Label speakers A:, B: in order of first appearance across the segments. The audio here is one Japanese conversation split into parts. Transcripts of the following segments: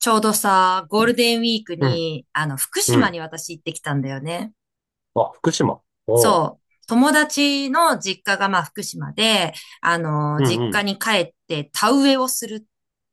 A: ちょうどさ、ゴールデンウィーク
B: うん、
A: に、福
B: う
A: 島
B: ん。
A: に私行ってきたんだよね。
B: あ、福島。おう。
A: そう。友達の実家がまあ福島で、
B: うん
A: 実
B: う
A: 家
B: ん。
A: に帰って田植えをするっ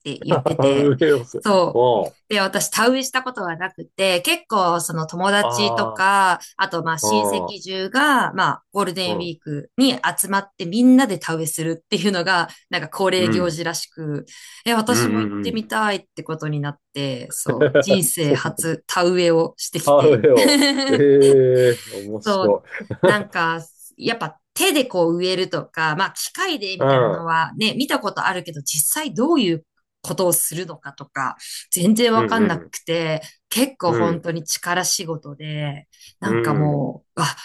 A: て 言ってて、
B: ウェールズ。
A: そう。
B: おう。
A: で、私田植えしたことがなくて、結構その友達と
B: あ
A: か、あとまあ
B: あ、
A: 親
B: ああ、
A: 戚中が、まあゴール
B: う
A: デンウィ
B: ん。
A: ークに集まってみんなで田植えするっていうのが、なんか恒例
B: う
A: 行
B: ん。
A: 事らしく、え、
B: うん
A: 私も行
B: う
A: っ
B: んう
A: てみ
B: ん。
A: たいってことになって、そう、人 生
B: そうなんだ。
A: 初田植えをしてき
B: ああ、ウェ
A: て。
B: ーを。え えー、面
A: そう、
B: 白い。
A: なん か、やっぱ手でこう植えるとか、まあ機械でみ
B: う
A: たいなの
B: ん。
A: はね、見たことあるけど、実際どういうことをするのかとか、全然
B: う
A: わ
B: ん
A: かんな
B: うん。
A: くて、結構
B: う
A: 本
B: ん。
A: 当に力仕事で、
B: う
A: なんか
B: ん。
A: もう、あ、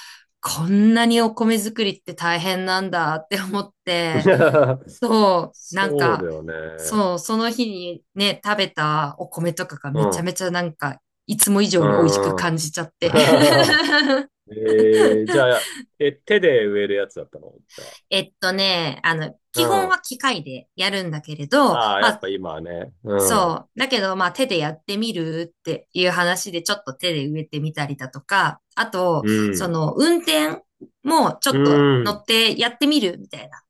A: こんなにお米作りって大変なんだって思って、そう、なん
B: そうだ
A: か、
B: よね。
A: そう、その日にね、食べたお米とかが
B: う
A: めちゃ
B: ん。
A: めちゃなんか、いつも以
B: う
A: 上に美味しく
B: ん。
A: 感じちゃって。
B: ええー、じゃあ、え、手で植えるやつだったのじゃあう
A: 基本
B: ん。
A: は機械でやるんだけれど、
B: ああ、や
A: ま
B: っ
A: あ、
B: ぱ今はね。うん。
A: そう。だけど、まあ、手でやってみるっていう話で、ちょっと手で植えてみたりだとか、あと、
B: う
A: そ
B: ん。
A: の、運転もちょ
B: う
A: っと乗
B: ん。
A: ってやってみるみたいな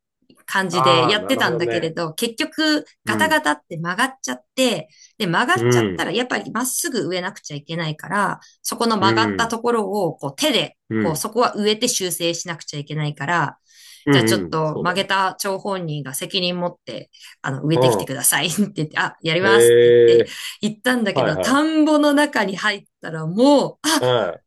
A: 感じで
B: ああ、
A: やっ
B: な
A: て
B: る
A: た
B: ほ
A: ん
B: ど
A: だけれ
B: ね。
A: ど、結局
B: う
A: ガタガ
B: ん。
A: タって曲がっちゃって、で、曲
B: う
A: がっちゃった
B: ん。
A: らやっぱりまっすぐ植えなくちゃいけないから、そこの
B: う
A: 曲がった
B: ん。
A: ところをこう手で、
B: う
A: こう
B: ん。
A: そこは植えて修正しなくちゃいけないから、
B: う
A: じゃあちょ
B: ん。う
A: っ
B: ん
A: と
B: そう
A: 曲
B: だ
A: げ
B: な。
A: た張本人が責任持って、植えてきてく
B: う
A: ださい って言って、あ、やり
B: ん。え
A: ますって言って、
B: え
A: 行ったんだけ
B: はい
A: ど、
B: はい。
A: 田んぼの中に入ったらもう、あ、
B: うん。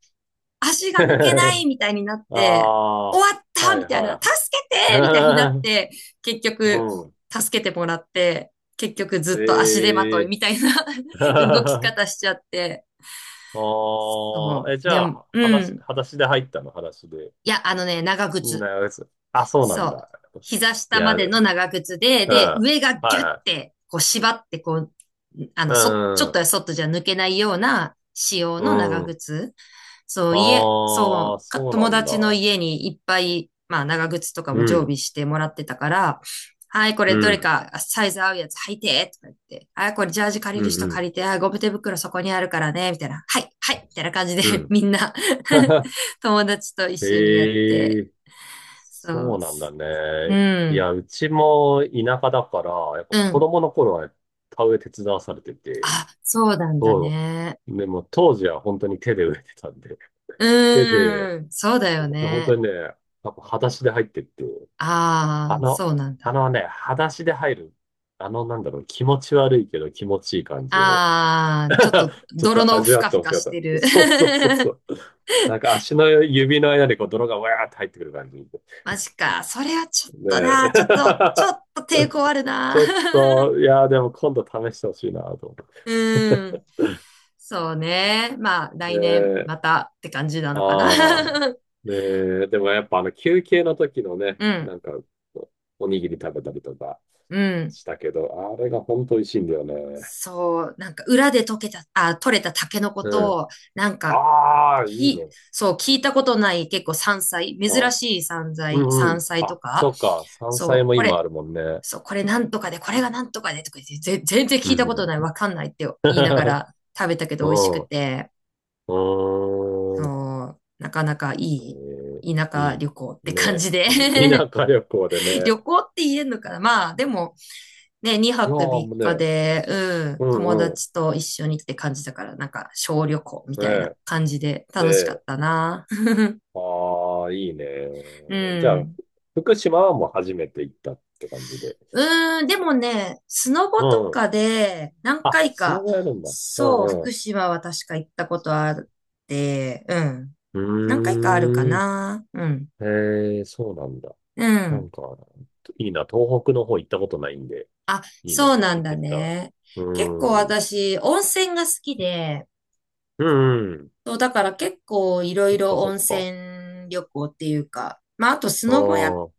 A: 足が抜けないみたいになっ
B: あ
A: て、
B: あ、
A: 終わった
B: はい
A: みたいな、助
B: は
A: けてみたいになっ
B: い。
A: て、結 局、
B: うん。
A: 助けてもらって、結局ずっと足手まとい
B: ええ
A: みたいな 動き 方しちゃって。
B: ああ、
A: そ
B: え、
A: う。
B: じ
A: で
B: ゃ
A: も、
B: あ、
A: う
B: 裸足、
A: ん。
B: 裸足で入ったの、裸足で。
A: いや、あのね、長靴。
B: なやつ、あ、そうな
A: そ
B: ん
A: う。
B: だ。
A: 膝
B: い
A: 下ま
B: や、
A: で
B: う
A: の長靴で、
B: ん。
A: で、
B: は
A: 上が
B: い
A: ギュッ
B: は
A: て、こう縛って、こう、あの、ちょっと
B: い。
A: やそっとじゃ抜けないような仕様
B: う
A: の長
B: ん。うん。
A: 靴。そう、家、
B: ああ、
A: そう、か
B: そうな
A: 友
B: ん
A: 達の
B: だ。
A: 家にいっぱい、まあ、長靴とか
B: う
A: も常
B: ん。
A: 備してもらってたから、はい、これ
B: う
A: どれ
B: ん、
A: かサイズ合うやつ履いて、とか言って、はい、これジャージ借り
B: うん、
A: る
B: う
A: 人
B: ん、
A: 借りて、はい、ゴム手袋そこにあるからね、みたいな、はい、はい、みたいな感じ
B: う
A: で、
B: ん。
A: みんな 友達と一緒にやっ
B: へ
A: て、
B: え、
A: そ
B: そ
A: う
B: うなんだ
A: う
B: ね。い
A: ん、
B: や、うちも田舎だから、やっぱ
A: う
B: 子
A: ん、
B: 供の頃は田植え手伝わされてて、
A: あ、そうなんだ
B: そ
A: ね。
B: う。でも当時は本当に手で植えてたんで、手で、
A: うーん、そうだよ
B: 本当
A: ね。
B: にね、やっぱ裸足で入ってって、
A: あ
B: あ
A: あ、そ
B: の、
A: うなん
B: あ
A: だ。
B: のね、裸足で入る、あのなんだろう、気持ち悪いけど気持ちいい感じの、
A: ああ、ちょっと
B: ちょっ
A: 泥
B: と
A: の
B: 味
A: ふ
B: わ
A: か
B: って
A: ふ
B: ほし
A: か
B: かっ
A: し
B: た。
A: てる。
B: そうそうそうそ う。なんか足の指の間にこう泥がわーって入ってくる感じ。ね
A: マジか。それはちょっとな、ちょっと、ちょっと抵
B: え。
A: 抗ある
B: ち
A: な。
B: ょっと、いやーでも今度試してほしいなと思
A: うん。そうね。まあ、
B: う。ね
A: 来年ま
B: え。
A: たって感じなのかな。
B: ああ。ねえ。でもやっぱあの休憩の時のね、
A: うん、
B: なんかおにぎり食べたりとか
A: うん。
B: したけど、あれが本当美味しいんだよね。
A: そう、なんか裏で溶けた、あ、取れたタケノコ
B: うん。
A: と、なんか、
B: ああ、いいね。
A: そう、聞いたことない結構山菜、珍
B: あ、
A: しい山
B: う
A: 菜、
B: んう
A: 山
B: ん。
A: 菜と
B: あ、そ
A: か、
B: っか。山菜
A: そう、
B: も
A: こ
B: 今あ
A: れ、
B: るもんね。
A: そう、これなんとかで、これがなんとかでとか言って、全然
B: う
A: 聞い
B: ん
A: た
B: う
A: こと
B: ん。
A: ない、わかんないって言いなが ら食べたけど
B: う
A: 美味し
B: ん。
A: く
B: う
A: て、
B: ーん。
A: そうなかなか
B: え
A: い
B: ー、
A: い田
B: い
A: 舎
B: い。
A: 旅行って感
B: ね
A: じで
B: いい。田舎旅行で ね。
A: 旅行って言えるのかなまあ、でもね、
B: い
A: 2
B: やー
A: 泊
B: もう
A: 3日
B: ね。
A: で、
B: す
A: うん、
B: う
A: 友
B: んうん。
A: 達と一緒にって感じだから、なんか小旅行み
B: ね
A: たいな感じで
B: え。
A: 楽しか
B: で、
A: ったな。
B: ああ、いいね。
A: う
B: じゃあ、
A: ん。
B: 福島はもう初めて行ったって感じで。
A: うーん、でもね、スノボと
B: うん。
A: かで何
B: あ、
A: 回
B: スノ
A: か、
B: ボやるんだ。う
A: そう、
B: ん
A: 福
B: う
A: 島は確か行ったことあって、うん。何回かあるか
B: ん。うーん。
A: な。うん。
B: へえ、そうなんだ。
A: う
B: な
A: ん。
B: んか、いいな。東北の方行ったことないんで、
A: あ、
B: いいな。
A: そう
B: 行
A: なん
B: っ
A: だ
B: てみたい。
A: ね。
B: う
A: 結構
B: ーん。
A: 私、温泉が好きで、
B: うんうん。
A: そう、だから結構いろ
B: そ
A: い
B: っ
A: ろ
B: かそ
A: 温
B: っか。
A: 泉旅行っていうか、まあ、あとス
B: あ
A: ノボや、
B: あ、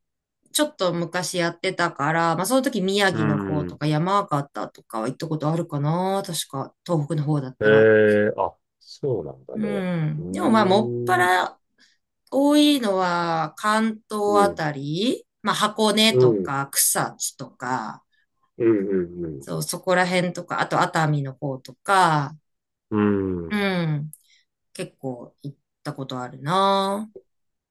A: ちょっと昔やってたから、まあ、その時宮
B: う
A: 城の方と
B: ん。
A: か山形とかは行ったことあるかな。確か、東北の方だっ
B: え
A: たら。
B: えあ、そうなんだ
A: う
B: ね。うー
A: ん。でもまあ、もっぱ
B: ん、
A: ら多いのは関東
B: う
A: あ
B: ん、
A: たり、まあ、箱根
B: う
A: と
B: ん、
A: か草津とか、
B: うん、
A: そう、そこら辺とか、あと熱海の方とか、
B: うん、う
A: う
B: ん。
A: ん。結構行ったことあるな。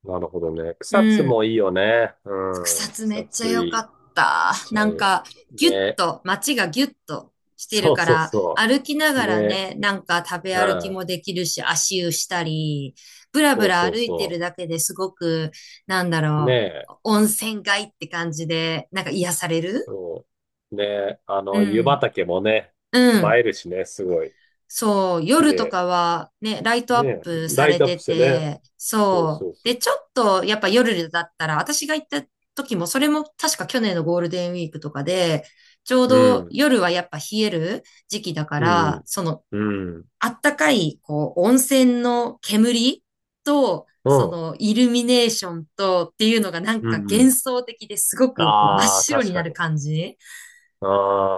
B: なるほどね。
A: う
B: 草津
A: ん。
B: もいいよね。う
A: 草
B: ん。
A: 津め
B: 草
A: っちゃ
B: 津
A: 良
B: い
A: か
B: い。
A: った。
B: ち
A: な
B: ゃいい。
A: んか、ギュッ
B: ね。
A: と、街がギュッとしてる
B: そう
A: か
B: そう
A: ら、
B: そ
A: 歩きな
B: う。
A: がら
B: ね。
A: ね、なんか食べ
B: う
A: 歩き
B: ん。
A: もできるし、足湯したり、ぶらぶ
B: そう
A: ら
B: そう
A: 歩いてる
B: そ
A: だけですごく、なんだ
B: う。ね
A: ろ
B: え。
A: う、温泉街って感じで、なんか癒される
B: そう。ね。あ
A: う
B: の、湯
A: ん。
B: 畑もね、
A: う
B: 映
A: ん。
B: えるしね、すごい。
A: そう、
B: 綺
A: 夜と
B: 麗。
A: かはね、ライトアッ
B: ね。
A: プさ
B: ライ
A: れ
B: トアッ
A: て
B: プしてね。
A: て、
B: そう
A: そう。
B: そうそ
A: で、
B: う。
A: ちょっとやっぱ夜だったら、私が行った時も、それも確か去年のゴールデンウィークとかで、ちょう
B: う
A: ど
B: ん
A: 夜はやっぱ冷える時期だか
B: うん
A: ら、その、
B: うん。うん。
A: あったかい、こう、温泉の煙と、
B: う
A: そ
B: ん。
A: の、イルミネーションとっていうのがなん
B: う
A: か
B: んう
A: 幻
B: ん。
A: 想的ですごくこう真っ
B: ああ、
A: 白
B: 確
A: にな
B: か
A: る
B: に。
A: 感じ。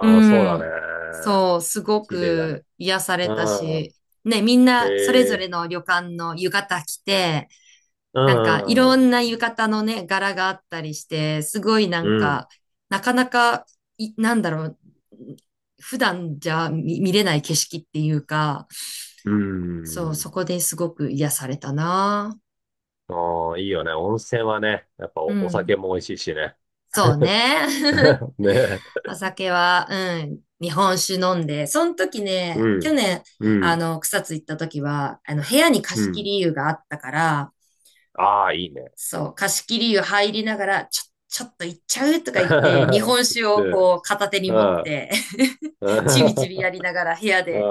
A: う
B: あ、そうだ
A: ん。
B: ね。
A: そう、すご
B: 綺麗だね。
A: く癒され
B: う
A: たし、
B: ん。
A: ね、みん
B: え
A: なそれぞれ
B: え。
A: の旅館の浴衣着て、
B: う
A: なんかいろ
B: ん。
A: んな浴衣のね、柄があったりして、すごいな
B: う
A: ん
B: ん。
A: か、なかなか、なんだろう、普段じゃ見れない景色っていうか、
B: う
A: そう、
B: ん。
A: そこですごく癒されたな。
B: ああ、いいよね。温泉はね、やっぱ
A: う
B: お、お
A: ん。
B: 酒も美味しいしね。
A: そう ね。
B: ねえ。
A: お酒は、うん、日本酒飲んで、その時
B: う
A: ね、去
B: ん。
A: 年、
B: うん。
A: 草津行った時は、部屋に
B: う
A: 貸し切
B: ん。
A: り湯があったから、
B: ああ、いいね。
A: そう、貸し切り湯入りながら、ちょっと行っちゃうとか言って、日本 酒を
B: で、
A: こう、片手に
B: う
A: 持っ
B: ん。
A: て
B: う
A: ちびちび
B: ん。
A: やりながら、部屋で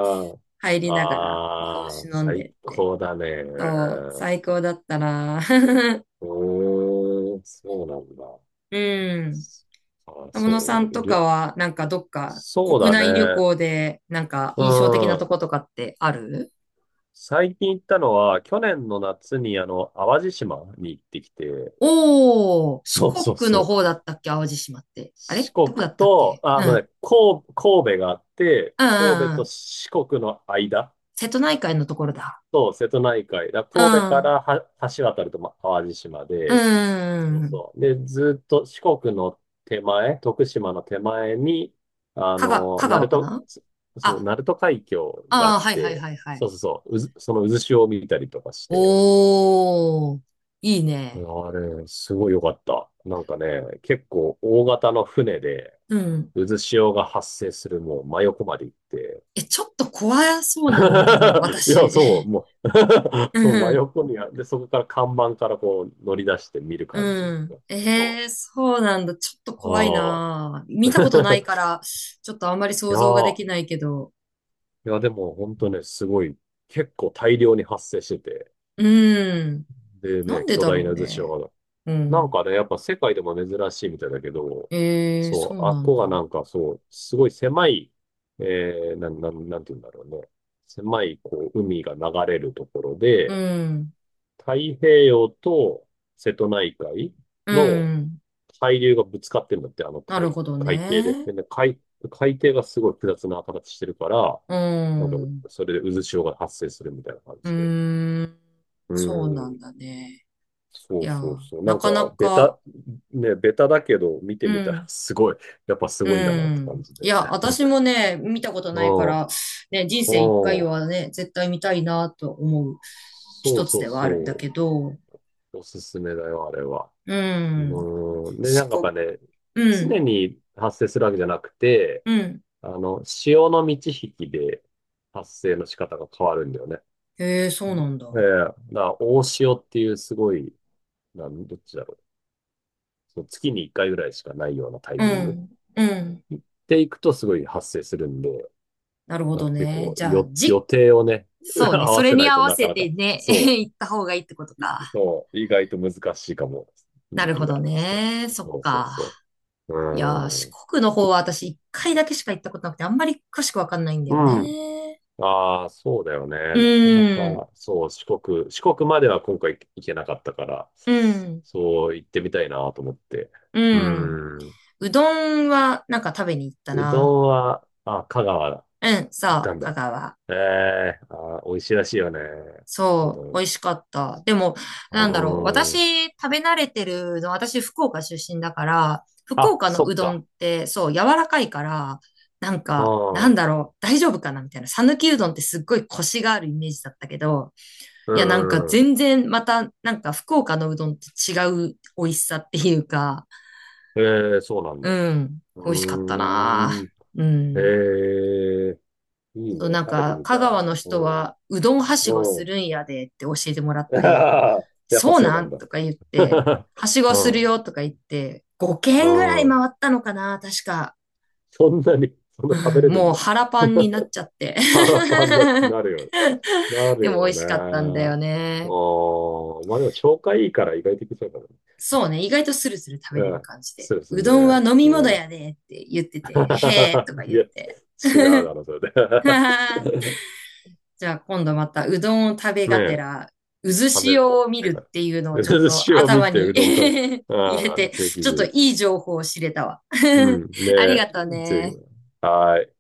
A: 入りながら、日本
B: ああ、
A: 酒飲ん
B: 最
A: でって。
B: 高だね。
A: そう、最高だったな。
B: うーそうなんだ。
A: うん。
B: あ、
A: 友
B: そ
A: 野さ
B: う、
A: んと
B: り
A: か
B: ょ
A: は、なんかどっか
B: そう
A: 国
B: だ
A: 内旅
B: ね。
A: 行で、なんか
B: う
A: 印象的なと
B: ん。
A: ことかってある
B: 最近行ったのは、去年の夏に、あの、淡路島に行ってきて、
A: おー、四
B: そうそう
A: 国の
B: そ
A: 方だ
B: う。
A: ったっけ淡路島って。あ
B: 四
A: れど
B: 国
A: こだったっ
B: と、
A: け
B: ああ
A: う
B: の
A: ん。
B: ね、神、神戸があって、
A: うんう
B: 神戸
A: んう
B: と
A: ん。
B: 四国の間
A: 瀬戸内海のところだ。
B: と瀬戸内海、だか
A: う
B: ら神戸か
A: ん。うん
B: らは橋渡ると、ま、淡路島
A: う
B: で、そ
A: ん
B: う
A: うん。
B: そう。で、ずっと四国の手前、徳島の手前に、あ
A: 香川、
B: の、
A: 香
B: 鳴
A: 川か
B: 門、
A: な
B: そそう、
A: あ、
B: 鳴門海峡があ
A: ああ、
B: っ
A: はいはい
B: て、
A: はいはい。
B: そうそうそう、うず、その渦潮を見たりとかして、
A: おー、いいね。
B: あれ、すごい良かった。なんかね、結構大型の船で、
A: うん。
B: 渦潮が発生するもう真横まで行って、
A: え、ちょっと怖そうなんだけど、
B: いや、
A: 私。
B: そう、もう そう、真 横にあ、で、そこから看板からこう乗り出して見る感じ。
A: うん。
B: そ
A: ええそうなんだ。ちょっと怖い
B: う。ああ。
A: な。見たことない から、ちょっとあんまり
B: い
A: 想
B: や
A: 像がで
B: ー、
A: きないけど。
B: いや、でも本当ね、すごい、結構大量に発生してて、
A: うん。
B: で
A: なん
B: ね、
A: で
B: 巨
A: だ
B: 大
A: ろう
B: な渦
A: ね。
B: 潮が、
A: う
B: なん
A: ん。
B: かね、やっぱ世界でも珍しいみたいだけど、
A: ええ
B: そ
A: そう
B: う、あっ
A: なん
B: こが
A: だ。
B: なんかそう、すごい狭い、えー、なん、なん、なんて言うんだろうね、狭い、こう、海が流れるところ
A: う
B: で、
A: ん。
B: 太平洋と瀬戸内海
A: う
B: の
A: ん。
B: 海流がぶつかってんだって、あの
A: なる
B: 海、
A: ほど
B: 海底で。
A: ね。
B: で、海、海底がすごい複雑な形してるから、
A: う
B: なんか、
A: ん。
B: それで渦潮が発生するみたいな感
A: う
B: じで。
A: ーん。
B: う
A: そうな
B: ん。
A: んだね。
B: そ
A: い
B: う
A: や、
B: そうそう。な
A: な
B: んか、
A: かな
B: ベ
A: か、
B: タ、ね、ベタだけど、見て
A: う
B: みたら
A: ん。
B: すごい、やっぱす
A: う
B: ごいんだなって感
A: ん。
B: じで。
A: いや、私もね、見たこと
B: う
A: ないか
B: ん。うん。
A: ら、ね、人生一回はね、絶対見たいなと思う
B: そ
A: 一
B: う
A: つ
B: そう
A: ではあ
B: そ
A: るんだ
B: う。
A: けど、
B: おすすめだよ、あれは。
A: うん。
B: うん。で、な
A: 四
B: んかやっ
A: 国、
B: ぱね、
A: う
B: 常
A: ん、
B: に発生するわけじゃなくて、
A: うん。
B: あの、潮の満ち引きで発生の仕方が変わるんだよね。
A: へえ、そ
B: う
A: うな
B: ん
A: んだ。
B: ええ、だから大潮っていうすごい、なん、どっちだろう。その月に1回ぐらいしかないようなタイ
A: う
B: ミング
A: ん、うん。
B: で行くとすごい発生するんで、
A: なるほ
B: なん
A: ど
B: か結
A: ね。
B: 構
A: じゃあ、
B: よ、予
A: じ、
B: 定をね、
A: そうね、
B: 合
A: そ
B: わ
A: れ
B: せな
A: に
B: い
A: 合
B: と
A: わ
B: な
A: せ
B: かな
A: て
B: か、
A: ね、
B: そ
A: 行った方がいいってこと
B: う、
A: か。
B: そう、意外と難しいかも、
A: な
B: 時
A: るほ
B: 期
A: ど
B: が。そ
A: ね。
B: う、
A: そっ
B: そうそう
A: か。
B: そう。
A: いやー、
B: う
A: 四国の方は私一回だけしか行ったことなくて、あんまり詳しくわかんないんだ
B: ー
A: よ
B: ん。うん。
A: ね。
B: ああ、そうだよ
A: う
B: ね。なかな
A: ん、
B: か、そう、四国、四国までは今回行けなかったから、
A: うん。
B: そう、行ってみたいなと思って。
A: う
B: う
A: ん。
B: ーん。
A: うどんはなんか食べに行った
B: うど
A: な。
B: んは、あ、香川だ。
A: うん、
B: 行
A: そ
B: った
A: う、
B: ん
A: 香
B: だ。
A: 川。
B: ええあー、美味しいらしいよね。う
A: そ
B: ど
A: う、美
B: ん。
A: 味しかった。でも、なんだろう。
B: うーん。
A: 私、食べ慣れてるうどん、私、福岡出身だから、福
B: あ、
A: 岡の
B: そ
A: う
B: っ
A: どん
B: か。
A: って、そう、柔らかいから、なん
B: う
A: か、なんだ
B: ん。
A: ろう、大丈夫かなみたいな。讃岐うどんってすっごいコシがあるイメージだったけど、
B: う
A: いや、なんか
B: んうん。
A: 全然、また、なんか福岡のうどんと違う美味しさっていうか、
B: ええそうなんだ。
A: うん、
B: う
A: 美味しかったな。
B: ーん。
A: うん。
B: ええいいね。
A: そう、なん
B: 食べて
A: か、
B: みた
A: 香
B: い。
A: 川の
B: う
A: 人
B: ん。
A: は、うどんはしご
B: う
A: す
B: ん。
A: るんやでって教えてもらっ て、
B: やっぱ
A: そう
B: そう
A: な
B: なん
A: ん
B: だ。
A: とか言って、はしご
B: う
A: する
B: ん、
A: よとか言って、5
B: う
A: 軒ぐらい
B: ん。
A: 回ったのかな、確か。
B: そんなに、そんな
A: う
B: 食べ
A: ん、
B: れる
A: も
B: ん
A: う
B: だ。
A: 腹パンになっ ちゃって。
B: 腹パンにな なるよね。なる
A: でも美
B: よ
A: 味しかったんだ
B: ね。
A: よ
B: あ
A: ね。
B: あ、まあでも消化いいから意外といけそうか
A: そうね、意外とスルスル食べ
B: な。
A: れ
B: う
A: る
B: ん。
A: 感じで。
B: そうです
A: う
B: ね。
A: どんは飲み物
B: うん。
A: やでって言ってて、へえとか
B: い
A: 言っ
B: や、
A: て。
B: 違うだろ、それで。
A: じゃあ今度またうどんを食 べ
B: ね
A: がて
B: え、
A: ら、渦
B: 食
A: 潮を見るっていうのを
B: べ、で
A: ちょっ
B: 寿
A: と
B: 司を見
A: 頭
B: て
A: に
B: うどん食べ、
A: 入れ
B: ああ、
A: て、
B: ぜひ
A: ちょっ
B: ぜ
A: と
B: ひ。
A: いい情報を知れたわ。
B: う ん。ね
A: ありが
B: え、
A: とう
B: ぜひ。
A: ね。
B: はい。